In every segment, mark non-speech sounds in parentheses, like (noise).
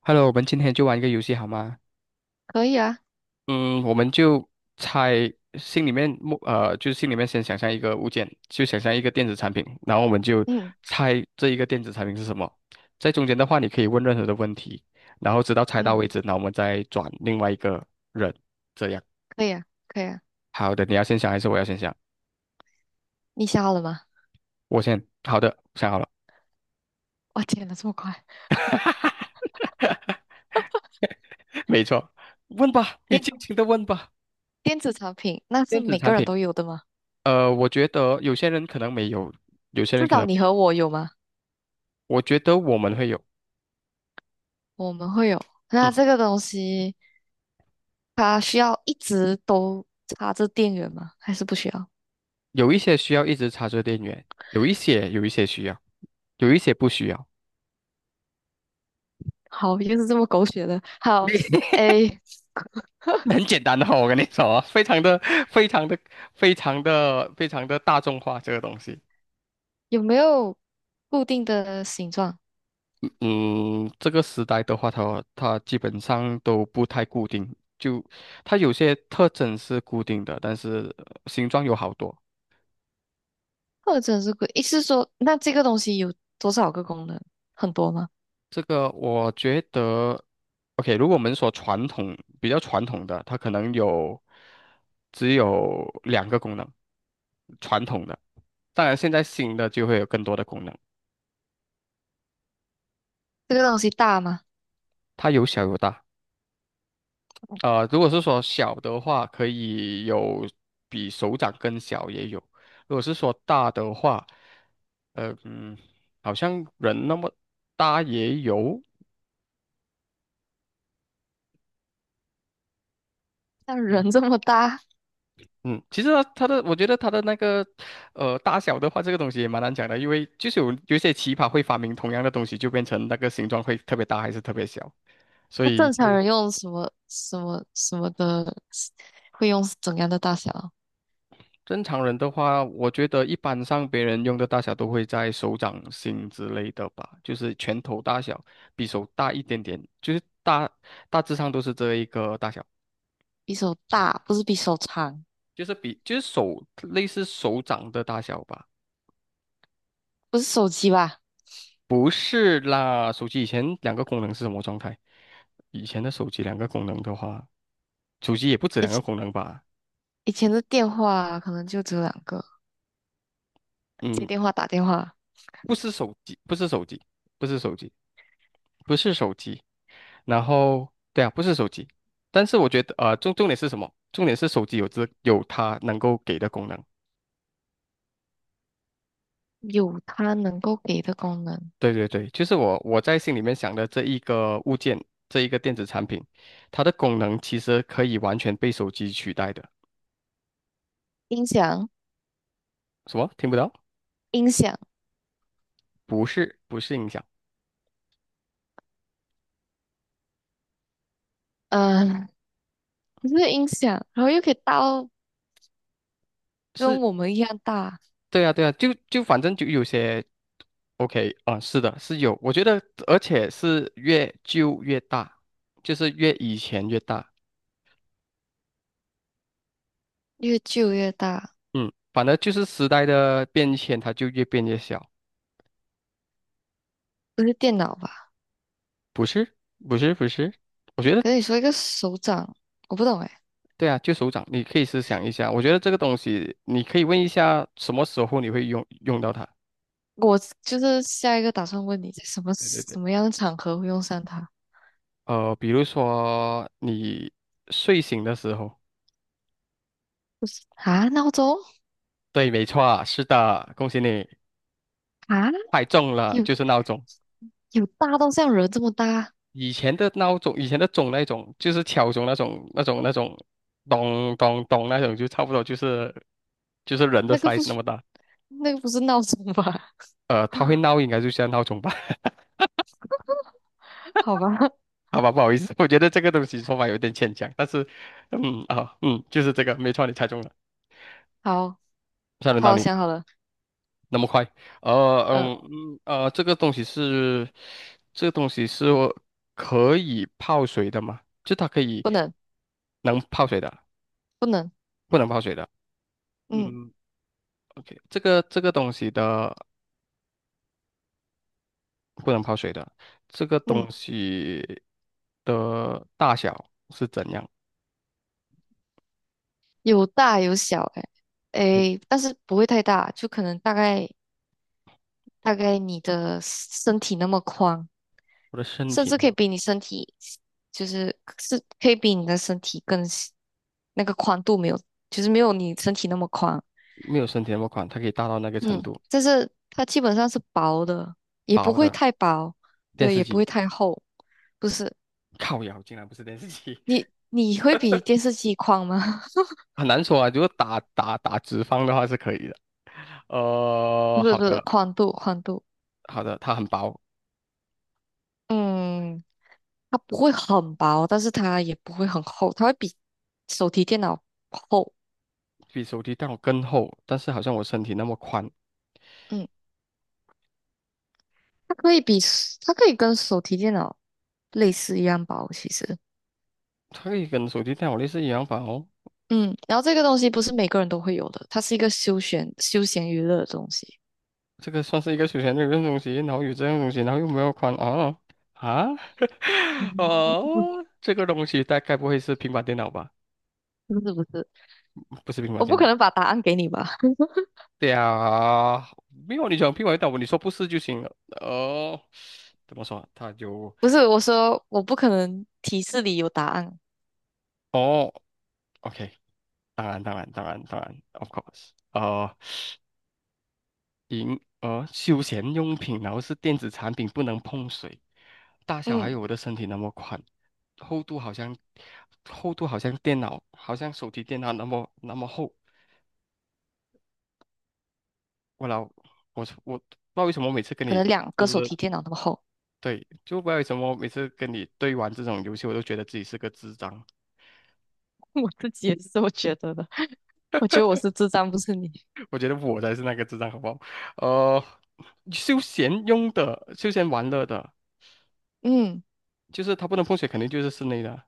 Hello，我们今天就玩一个游戏好吗？可以啊，嗯，我们就猜心里面就是心里面先想象一个物件，就想象一个电子产品，然后我们就嗯猜这一个电子产品是什么。在中间的话，你可以问任何的问题，然后直到猜到嗯，为止，然后我们再转另外一个人，这样。可以啊。好的，你要先想还是我要先想？你想好了吗？我先。好的，想好了。哇，天哪，这么快！(laughs) (laughs) 没错，问吧，你电尽情的问吧。电子产品，那是电子每产个人品，都有的吗？我觉得有些人可能没有，有些人至可少能你没有。和我有吗？我觉得我们会有。我们会有。嗯，那这个东西，它需要一直都插着电源吗？还是不需要？有一些需要一直插着电源，有一些需要，有一些不需要。(laughs) 好，又是这么狗血的。好，那 诶，(laughs) 很简单的哦，我跟你说啊，非常的、非常的、非常的、非常的大众化这个东西。有没有固定的形状，嗯，这个时代的话，它基本上都不太固定，就它有些特征是固定的，但是形状有好多。或者是固？意思是说，那这个东西有多少个功能？很多吗？这个我觉得，OK，如果我们说传统比较传统的，它可能有只有两个功能，传统的，当然现在新的就会有更多的功能，这个东西大吗？它有小有大。如果是说小的话，可以有比手掌更小也有；如果是说大的话，呃嗯，好像人那么大也有。像人这么大？嗯，其实它的，我觉得它的那个，大小的话，这个东西也蛮难讲的，因为就是有一些奇葩会发明同样的东西，就变成那个形状会特别大还是特别小，所那以正常就人用什么什么什么的，会用怎样的大小？正常人的话，我觉得一般上别人用的大小都会在手掌心之类的吧，就是拳头大小，比手大一点点，就是大致上都是这一个大小，比手大，不是比手长，就是比就是手类似手掌的大小吧。不是手机吧？不是啦，手机以前两个功能是什么状态？以前的手机两个功能的话，手机也不止以两个前功能吧？以前的电话可能就只有两个，接嗯，电话、打电话，不是手机，不是手机，不是手机，不是手机。然后，对啊，不是手机。但是我觉得，重点是什么？重点是手机有这有它能够给的功能。有它能够给的功能。对对对，就是我在心里面想的这一个物件，这一个电子产品，它的功能其实可以完全被手机取代的。音响，什么？听不到？音响，不是，不是音响。嗯、不是音响，然后又可以大到是，跟我们一样大，对啊，对啊，就就反正就有些 OK 啊、是的，是有，我觉得而且是越旧越大，就是越以前越大。越旧越大，嗯，反正就是时代的变迁，它就越变越小。不是电脑吧？不是，不是，不是，我觉得可是你说一个手掌，我不懂哎。对啊，就手掌，你可以思想一下，我觉得这个东西你可以问一下什么时候你会用到它，我就是下一个打算问你，在什么对对对，什么样的场合会用上它。比如说你睡醒的时候，啊？闹钟。对，没错啊，是的，恭喜你，啊？太重了，有就是闹钟。有大到像人这么大？以前的闹钟，以前的钟那种，就是敲钟那种、那种、那种，咚咚咚那种，就差不多就是就是人的 那个 size 不那是么大。那个不是闹钟吧？它会 (laughs) 闹，应该就像闹钟吧？(laughs) 好吧，好吧，不好意思，我觉得这个东西说法有点牵强，但是，就是这个，没错，你猜中了，好算轮到好你，想好了，那么快。嗯，这个东西是，这个东西是可以泡水的吗？就它可以不能能泡水的，不能，不能泡水的。嗯嗯，OK，这个东西的不能泡水的，这个嗯，东西的大小是怎样？有大有小、嗯，哎，但是不会太大，就可能大概你的身体那么宽，我的身甚体至可以比你身体，就是是可以比你的身体更那个宽度没有，就是没有你身体那么宽，没有身体那么宽，它可以大到那个程嗯，度。但是它基本上是薄的，也不薄会的太薄，电对，视也不机，会太厚，不是。靠腰竟然不是电视机，你你会比电视机宽吗？(laughs) 很难说啊。如果打直方的话是可以的。(laughs) 呃，不是好不是，的宽度宽度，好的，它很薄，嗯，它不会很薄，但是它也不会很厚，它会比手提电脑厚，比手机电脑更厚，但是好像我身体那么宽，嗯，它可以比它可以跟手提电脑类似一样薄，其实。它可以跟手机电脑类似一样吧？哦，嗯，然后这个东西不是每个人都会有的，它是一个休闲娱乐的东西。这个算是一个休闲的一个东西，然后有这样的东西，然后又没有宽啊啊。(laughs) 嗯，哦，这个东西大概不会是平板电脑吧？不是不是，不是平板我电不可能脑。把答案给你吧？(laughs) 对啊，没有你想平板电脑，你说不是就行了。哦，怎么说？它就不是，我说我不可能提示里有答案。哦，OK，当然，当然，当然，当然，of course。休闲用品，然后是电子产品，不能碰水。大小还嗯，有我的身体那么宽，厚度好像厚度好像电脑，好像手提电脑那么厚。我老我我不知道为什么每次跟可你。能两就个是。手提电脑那么厚。对，就不知道为什么每次跟你对玩这种游戏，我都觉得自己是个智障。(laughs) 我自己也是这么觉得的。(laughs) 我觉得我是智障，不是你。(laughs) 我觉得我才是那个智障，好不好？呃，休闲用的、休闲玩乐的，嗯就是它不能碰水，肯定就是室内的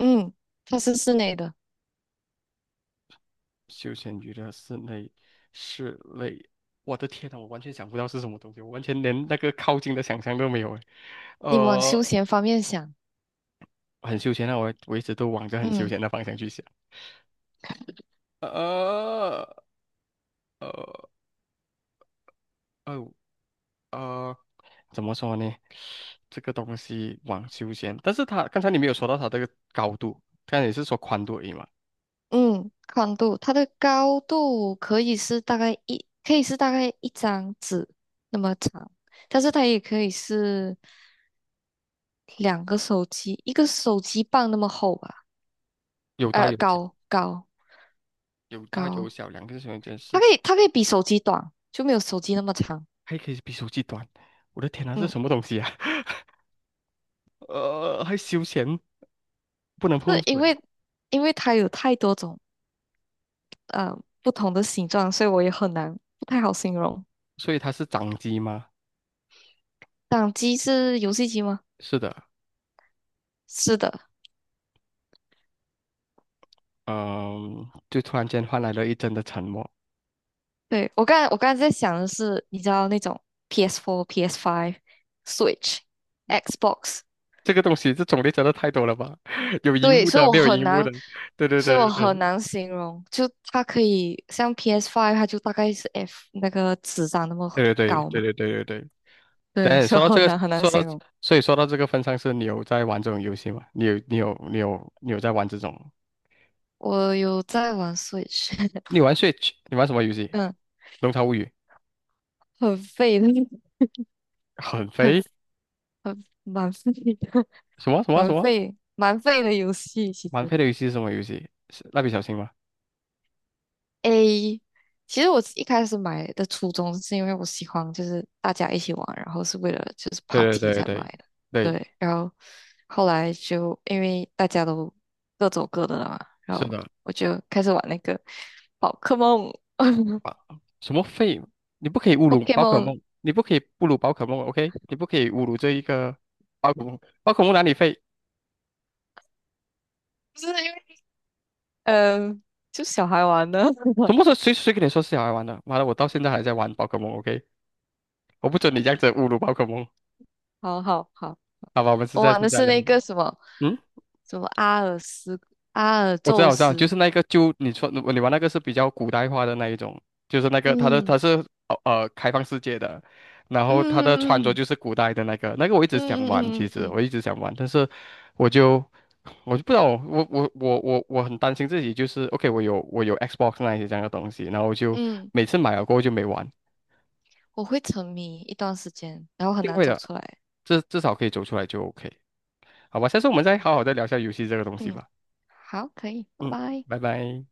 嗯，它是室内的，休闲娱乐、室内、室内。我的天呐，我完全想不到是什么东西，我完全连那个靠近的想象都没有诶。你往休呃，闲方面想。很休闲啊，我一直都往着很休嗯闲的方向去想。呃呃呃呃。怎么说呢？这个东西网休闲，但是它刚才你没有说到它这个高度，刚才你是说宽度而已嘛，嗯，宽度，它的高度可以是大概一，可以是大概一张纸那么长，但是它也可以是两个手机，一个手机棒那么厚吧，有大呃，有小，有大有高，小，两个小空间是它可以比手机短，就没有手机那么长。还可以比手机短，我的天呐，这是嗯，什么东西啊？(laughs) 还休闲，不能碰是水，因为它有太多种不同的形状，所以我也很难不太好形容。所以它是掌机吗？掌机是游戏机吗？是的。是的，嗯，就突然间换来了一阵的沉默。对，我刚才在想的是，你知道那种 PS4、PS5、Switch、Xbox,这个东西，这种类真的太多了吧？(laughs) 有荧对，幕所以的，我没有很荧幕难，的，对对所对以我对很难形容，就它可以像 PS5,它就大概是 F 那个纸张那么对对高嘛，对对对对对对对。对，(laughs) 对，所以说到这个，很难说到，形容。所以说到这个份上，是你有在玩这种游戏吗？你有，你有，你有，你有在玩这种？我有在玩 Switch,你玩 Switch，你玩什么游戏？(laughs) 嗯，《龙槽物语》很废的，很 (laughs) 很肥，很蛮废的，(laughs) 什么什么什么？蛮废的游戏，其蛮肥实。的游戏是什么游戏？是蜡笔小新吗？A,其实我一开始买的初衷是因为我喜欢，就是大家一起玩，然后是为了就是 对 party 对对才买对的。对，对，然后后来就因为大家都各走各的了嘛，然是后的。我就开始玩那个宝可梦 (laughs) 啊，什么废？你不可以侮辱宝可，Pokemon,梦，你不可以侮辱宝可梦，OK？你不可以侮辱这一个宝可梦，宝可梦哪里废？就是因为嗯、呃就小孩玩的。什 (laughs) 么时候谁谁跟你说是小孩玩的？妈的，我到现在还在玩宝可梦，OK？我不准你这样子侮辱宝可梦。好好好，好吧，我们是我在玩是的在是聊。那个什么嗯，什么阿尔斯阿尔我知道，宙我知道，就斯，是那个，就你说你玩那个是比较古代化的那一种，就是那个它的嗯它是开放世界的，然嗯后它的穿着嗯就是古代的那个，那个我一嗯直想嗯嗯玩，嗯其嗯嗯实我嗯。一直想玩，但是我就我就不知道，我很担心自己，就是 OK，我有 Xbox 那一些这样的东西，然后我就嗯，每次买了过后就没玩，我会沉迷一段时间，然后一很定难会走的，出来。至少可以走出来就 OK，好吧，下次我们再好好再聊一下游戏这个东西嗯，吧。好，可以，拜嗯，拜。拜拜。